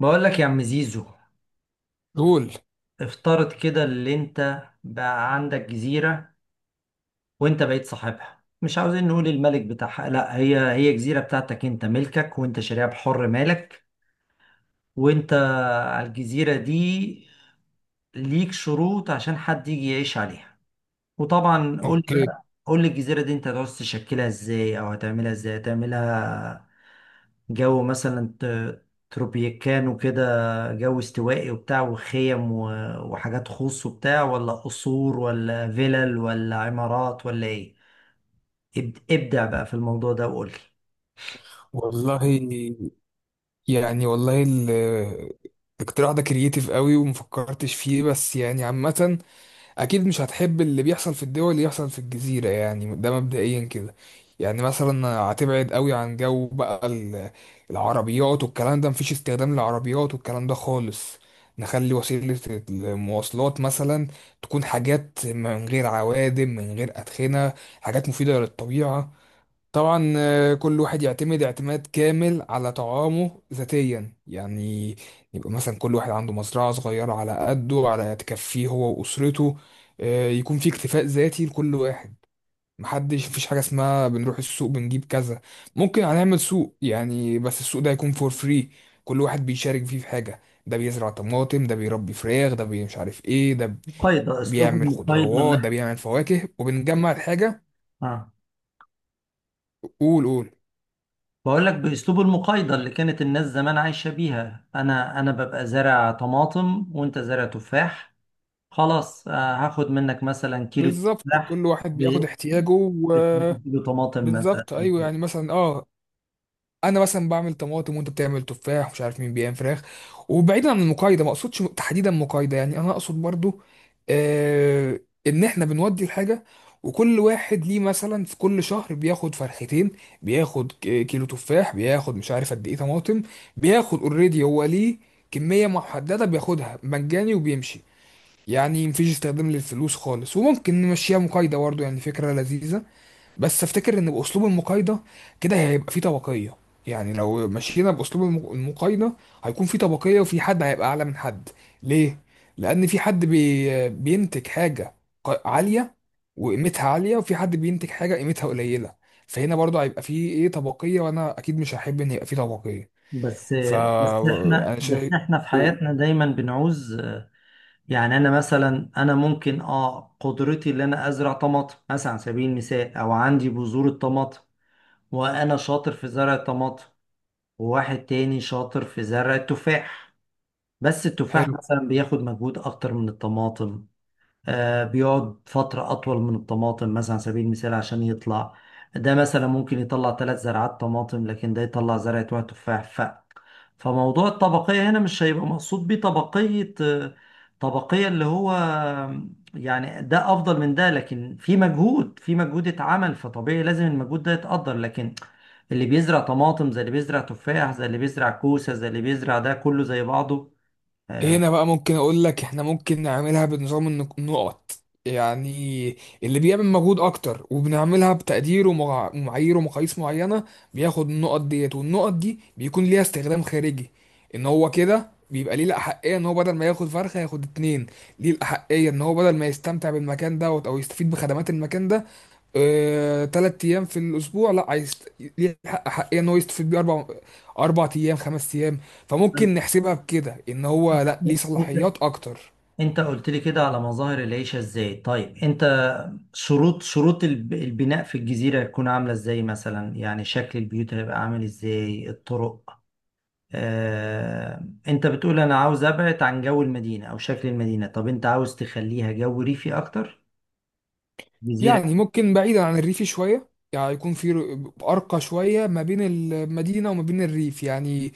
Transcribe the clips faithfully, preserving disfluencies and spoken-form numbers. بقول لك يا عم زيزو، قول. افترض كده اللي انت بقى عندك جزيرة وانت بقيت صاحبها. مش عاوزين نقول الملك بتاعها، لا، هي هي جزيرة بتاعتك انت، ملكك وانت شاريها بحر مالك. وانت على الجزيرة دي ليك شروط عشان حد يجي يعيش عليها. وطبعا قول لي اوكي. بقى، قول لي الجزيرة دي انت هتعوز تشكلها ازاي او هتعملها ازاي؟ هتعملها جو مثلا ت- تروبيكانو كده، جو استوائي وبتاع وخيم و- وحاجات خاص وبتاع، ولا قصور ولا فيلل ولا عمارات ولا ايه؟ اب- ابدع بقى في الموضوع ده وقول لي. والله، يعني والله ال- الاقتراح ده كرييتيف قوي ومفكرتش فيه، بس يعني عامة اكيد مش هتحب اللي بيحصل في الدول اللي يحصل في الجزيرة، يعني ده مبدئيا كده. يعني مثلا هتبعد قوي عن جو بقى ال- العربيات والكلام ده، مفيش استخدام للعربيات والكلام ده خالص. نخلي وسيلة المواصلات مثلا تكون حاجات من غير عوادم، من غير أدخنة، حاجات مفيدة للطبيعة. طبعا آه، كل واحد يعتمد اعتماد كامل على طعامه ذاتيا، يعني يبقى مثلا كل واحد عنده مزرعة صغيرة على قده، على تكفيه هو وأسرته. آه، يكون في اكتفاء ذاتي لكل واحد. محدش، مفيش حاجة اسمها بنروح السوق بنجيب كذا. ممكن هنعمل سوق يعني، بس السوق ده يكون فور فري، كل واحد بيشارك فيه في حاجة. ده بيزرع طماطم، ده بيربي فراخ، ده بي- مش عارف ايه، ده مقايضة، اسلوب بيعمل المقايضة اللي خضروات، ده احنا. بيعمل فواكه، وبنجمع الحاجة. اه، قول قول. بقول لك باسلوب المقايضة اللي كانت الناس زمان عايشة بيها. انا انا ببقى زارع طماطم وانت زارع تفاح، خلاص، آه، هاخد منك مثلا كيلو بالظبط تفاح كل واحد ب بياخد احتياجه و- ب- كيلو طماطم مثلا. بالظبط ايوه، يعني مثلا اه انا مثلا بعمل طماطم، وانت بتعمل تفاح، مش عارف مين بيعمل فراخ. وبعيدا عن المقايضه، ما اقصدش تحديدا مقايضه، يعني انا اقصد برضو آه ان احنا بنودي الحاجه، وكل واحد ليه مثلا في كل شهر بياخد فرختين، بياخد ك- كيلو تفاح، بياخد مش عارف قد ايه طماطم، بياخد اوريدي هو ليه كميه محدده بياخدها مجاني وبيمشي. يعني مفيش استخدام للفلوس خالص، وممكن نمشيها مقايضة برضه، يعني فكرة لذيذة. بس افتكر ان باسلوب المقايضة كده هيبقى فيه طبقية. يعني لو مشينا باسلوب الم- المقايضة، هيكون في طبقية، وفي حد هيبقى اعلى من حد. ليه؟ لان في حد بي بينتج حاجة ق- عالية وقيمتها عالية، وفي حد بينتج حاجة قيمتها قليلة. فهنا برضه هيبقى في ايه طبقية، وانا اكيد مش هحب ان يبقى في طبقية. بس بس احنا، فانا بس شايف. احنا في قول. حياتنا دايما بنعوز. يعني انا مثلا، انا ممكن اه قدرتي ان انا ازرع طماطم مثلا على سبيل المثال، او عندي بذور الطماطم وانا شاطر في زرع الطماطم، وواحد تاني شاطر في زرع التفاح. بس التفاح حلو. مثلا بياخد مجهود اكتر من الطماطم، آه، بيقعد فترة أطول من الطماطم مثلا على سبيل المثال عشان يطلع. ده مثلا ممكن يطلع ثلاث زرعات طماطم لكن ده يطلع زرعة واحد تفاح. ف فموضوع الطبقية هنا مش هيبقى مقصود بيه طبقية، آه، طبقية اللي هو آه، يعني ده أفضل من ده، لكن في مجهود، في مجهود اتعمل، فطبيعي لازم المجهود ده يتقدر. لكن اللي بيزرع طماطم زي اللي بيزرع تفاح زي اللي بيزرع كوسة زي اللي بيزرع ده، كله زي بعضه. هنا بقى ممكن اقول لك احنا ممكن نعملها بنظام النق- النقط. يعني اللي بيعمل مجهود اكتر، وبنعملها بتقدير ومع- ومعايير ومقاييس معينة، بياخد النقط ديت، والنقط دي بيكون ليها استخدام خارجي. ان هو كده بيبقى ليه الاحقية ان هو بدل ما ياخد فرخة ياخد اتنين. ليه الاحقية ان هو بدل ما يستمتع بالمكان دوت او يستفيد بخدمات المكان ده آه، تلات ايام في الاسبوع، لا عايز ليه حق حقيقة ان هو يستفيد بيه اربع، اربع ايام، خمس ايام. فممكن نحسبها بكده، ان آه، هو لا ليه صلاحيات اكتر. انت قلت لي كده على مظاهر العيشة ازاي، طيب انت شروط، شروط الب- البناء في الجزيرة هتكون عاملة ازاي مثلا؟ يعني شكل البيوت هيبقى عامل ازاي؟ الطرق؟ آه، انت بتقول انا عاوز ابعد عن جو المدينة او شكل المدينة، طب انت عاوز تخليها جو ريفي اكتر؟ جزيرة. يعني ممكن بعيدا عن الريف شويه، يعني يكون في ر- ارقى شويه ما بين المدينه وما بين الريف. يعني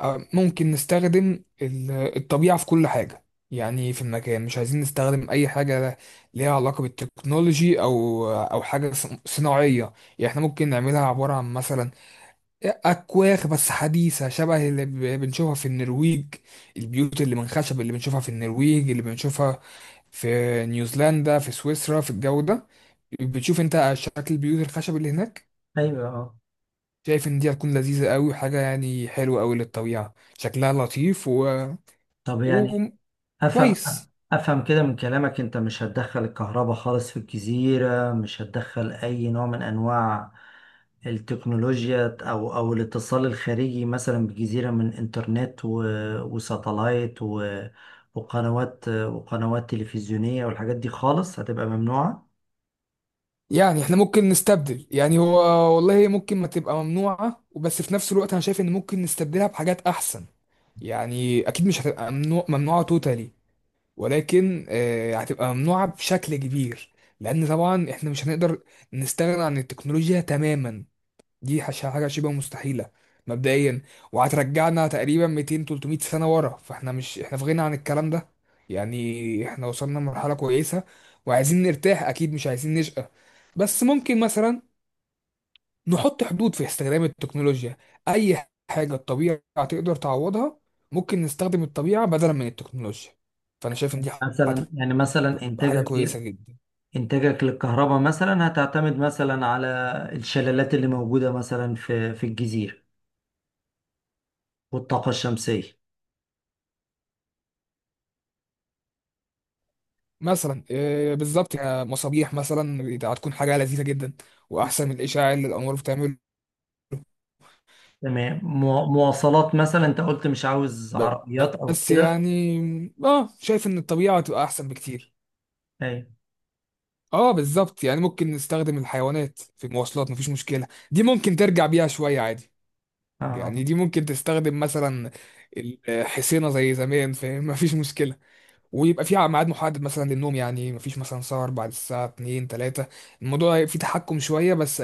آه، ممكن نستخدم ال- الطبيعه في كل حاجه. يعني في المكان مش عايزين نستخدم اي حاجه ليها علاقه بالتكنولوجي او او حاجه صن- صناعيه. يعني احنا ممكن نعملها عباره عن مثلا أكواخ، بس حديثة، شبه اللي ب- بنشوفها في النرويج. البيوت اللي من خشب اللي بنشوفها في النرويج، اللي بنشوفها في نيوزيلندا، في سويسرا، في الجو ده. بتشوف انت شكل البيوت الخشب اللي هناك. ايوه، اه. شايف ان دي هتكون لذيذة قوي، وحاجة يعني حلوة قوي للطبيعة، شكلها لطيف و... طب يعني افهم، وكويس. افهم كده من كلامك انت مش هتدخل الكهرباء خالص في الجزيرة؟ مش هتدخل اي نوع من انواع التكنولوجيا او او الاتصال الخارجي مثلا بالجزيرة، من انترنت و- وساتلايت و- وقنوات، وقنوات تلفزيونية والحاجات دي خالص هتبقى ممنوعة؟ يعني احنا ممكن نستبدل، يعني هو والله ممكن ما تبقى ممنوعة، وبس في نفس الوقت انا شايف ان ممكن نستبدلها بحاجات احسن. يعني اكيد مش هتبقى ممنوع... ممنوعة توتالي، ولكن آه، هتبقى ممنوعة بشكل كبير. لأن طبعا إحنا مش هنقدر نستغنى عن التكنولوجيا تماما، دي حش- حاجة شبه مستحيلة مبدئيا. وهترجعنا تقريبا مئتين تلت مية سنة ورا، فإحنا مش إحنا في غنى عن الكلام ده. يعني إحنا وصلنا لمرحلة كويسة، وعايزين نرتاح، أكيد مش عايزين نشقى. بس ممكن مثلا نحط حدود في استخدام التكنولوجيا. أي حاجة الطبيعة تقدر تعوضها ممكن نستخدم الطبيعة بدلا من التكنولوجيا. فأنا شايف إن دي مثلا يعني، مثلا حاجه انتاجك كويسه ل- جدا. انتاجك للكهرباء مثلا هتعتمد مثلا على الشلالات اللي موجودة مثلا في في الجزيرة والطاقة الشمسية. مثلا آه، بالظبط، كمصابيح مثلا هتكون حاجه لذيذه جدا، واحسن من الاشاعه اللي الانوار بتعمل. تمام، مو- مواصلات مثلا، انت قلت مش عاوز عربيات او بس كده. يعني اه شايف ان الطبيعه هتبقى احسن بكتير. ايوه. اه بالظبط، يعني ممكن نستخدم الحيوانات في المواصلات، مفيش مشكله، دي ممكن ترجع بيها شويه عادي. يعني آه. دي ممكن تستخدم مثلا الحصينه زي زمان، فاهم؟ مفيش مشكله. ويبقى في ميعاد محدد مثلا للنوم، يعني مفيش مثلا سهر بعد الساعه اتنين الثالثة. الموضوع فيه تحكم شويه بس،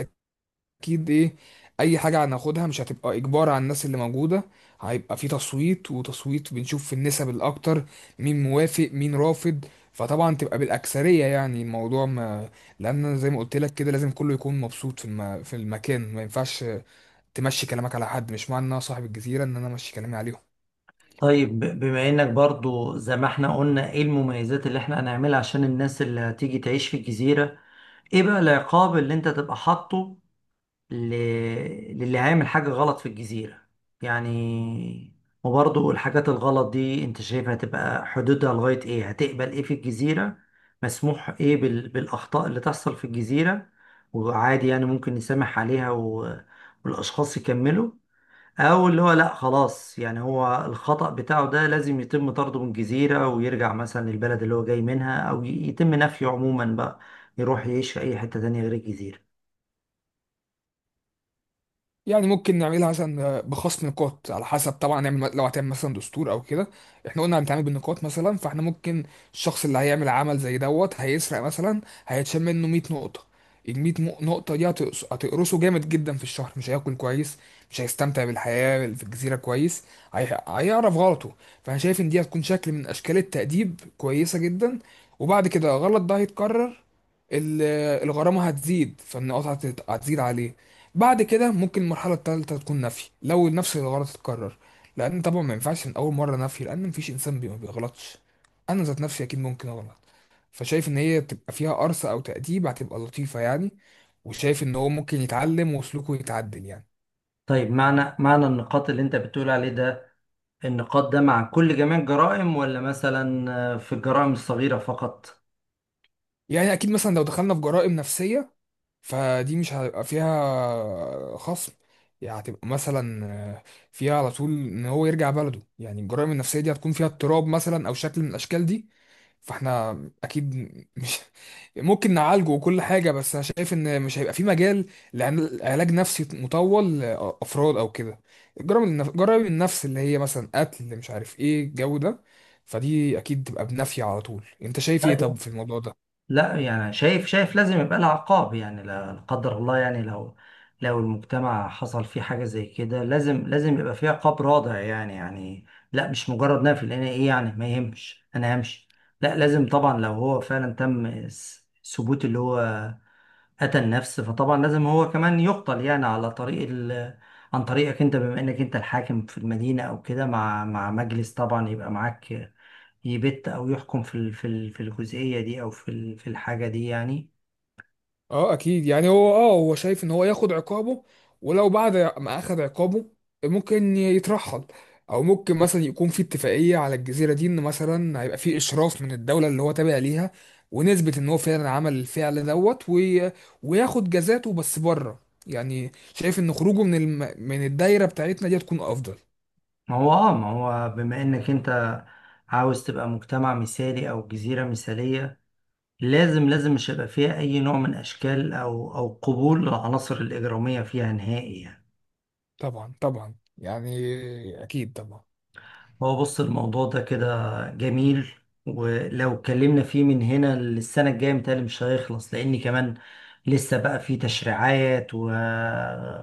اكيد ايه. اي حاجه هناخدها مش هتبقى اجبار على الناس اللي موجوده، هيبقى في تصويت، وتصويت بنشوف في النسب الاكتر، مين موافق مين رافض. فطبعا تبقى بالاكثريه، يعني الموضوع ما، لان زي ما قلت لك كده لازم كله يكون مبسوط في الم... في المكان. ما ينفعش تمشي كلامك على حد، مش معنى ان انا صاحب الجزيره ان انا امشي كلامي عليهم. طيب، ب- بما انك برضو زي ما احنا قلنا ايه المميزات اللي احنا هنعملها عشان الناس اللي هتيجي تعيش في الجزيرة، ايه بقى العقاب اللي انت تبقى حاطه ل... للي هيعمل حاجة غلط في الجزيرة؟ يعني وبرضه الحاجات الغلط دي انت شايفها تبقى حدودها لغاية ايه؟ هتقبل ايه في الجزيرة؟ مسموح ايه بال... بالأخطاء اللي تحصل في الجزيرة وعادي يعني ممكن نسامح عليها و... والأشخاص يكملوا؟ أو اللي هو لأ، خلاص، يعني هو الخطأ بتاعه ده لازم يتم طرده من الجزيرة ويرجع مثلا للبلد اللي هو جاي منها، أو ي- يتم نفيه عموما بقى، يروح يعيش في أي حتة تانية غير الجزيرة؟ يعني ممكن نعملها مثلا بخصم نقاط، على حسب طبعا نعمل، لو هتعمل مثلا دستور او كده. احنا قلنا هنتعامل بالنقاط مثلا، فاحنا ممكن الشخص اللي هيعمل عمل زي دوت، هيسرق مثلا، هيتشال منه مية نقطة. ال مية مو- نقطة دي هتقص- هتقرصه جامد جدا، في الشهر مش هياكل كويس، مش هيستمتع بالحياة في الجزيرة كويس، هي- هيعرف غلطه. فانا شايف ان دي هتكون شكل من اشكال التأديب كويسة جدا. وبعد كده غلط ده هيتكرر، ال- الغرامة هتزيد، فالنقاط هتت- هتزيد عليه. بعد كده ممكن المرحلة التالتة تكون نفي، لو نفس الغلط اتكرر. لأن طبعا ما ينفعش من أول مرة نفي، لأن مفيش إنسان بي- ما بيغلطش، أنا ذات نفسي أكيد ممكن أغلط. فشايف إن هي تبقى فيها قرصة أو تأديب، هتبقى لطيفة يعني، وشايف إن هو ممكن يتعلم وسلوكه يتعدل يعني. طيب معنى معنى النقاط اللي انت بتقول عليه ده، النقاط ده مع كل جميع الجرائم ولا مثلا آه، في الجرائم الصغيرة فقط؟ يعني أكيد مثلا لو دخلنا في جرائم نفسية، فدي مش هيبقى فيها خصم، يعني هتبقى مثلا آه، فيها على طول إن هو يرجع بلده. يعني الجرائم النفسية دي هتكون فيها اضطراب مثلا، أو شكل من الأشكال دي. فاحنا اكيد مش ممكن نعالجه وكل حاجه، بس انا شايف ان مش هيبقى في مجال لعلاج نفسي مطول لافراد او كده. الجرائم النف... جرائم النفس اللي هي مثلا قتل، مش عارف ايه الجو ده، فدي اكيد تبقى بنفي على طول. انت شايف ايه لا طب ده- في الموضوع ده؟ لا، يعني شايف شايف لازم يبقى لها عقاب، يعني لا. لا قدر الله يعني، لو لو المجتمع حصل فيه حاجة زي كده لازم، لازم يبقى فيه عقاب رادع، يعني يعني لا مش مجرد نفي، لان ايه يعني ما يهمش، انا همشي. لا، لازم طبعا لو هو فعلا تم س- ثبوت اللي هو أتى النفس، فطبعا لازم هو كمان يقتل يعني على طريق ال... عن طريقك أنت بما إنك أنت الحاكم في المدينة أو كده، مع، مع مجلس طبعا يبقى معاك، يبت أو يحكم في ال... في ال... في الجزئية دي أو في ال... في الحاجة دي يعني. اه اكيد، يعني هو اه هو شايف ان هو ياخد عقابه. ولو بعد ما اخد عقابه ممكن يترحل، او ممكن مثلا يكون في اتفاقيه على الجزيره دي، ان مثلا هيبقى في اشراف من الدوله اللي هو تابع ليها، ونثبت ان هو فعلا عمل الفعل دوت، وي... وياخد جزاته بس بره. يعني شايف ان خروجه من الم... من الدايره بتاعتنا دي تكون افضل. ما هو آه، ما هو بما إنك أنت عاوز تبقى مجتمع مثالي أو جزيرة مثالية، لازم، لازم مش هيبقى فيها أي نوع من أشكال أو أو قبول العناصر الإجرامية فيها نهائي يعني. طبعا طبعا، يعني اكيد طبعا. هو بص الموضوع ده كده جميل، ولو اتكلمنا فيه من هنا للسنة الجاية متهيألي مش هيخلص، لأن كمان لسه بقى فيه تشريعات و...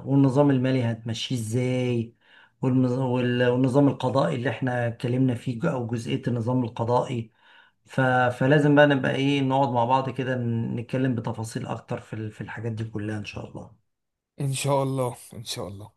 والنظام المالي هتمشيه ازاي، والمز... وال... والنظام القضائي اللي احنا اتكلمنا فيه أو جزئية النظام القضائي، ف... فلازم بقى نبقى ايه، نقعد مع بعض كده نتكلم بتفاصيل أكتر في ال- في الحاجات دي كلها إن شاء الله. ان شاء الله ان شاء الله.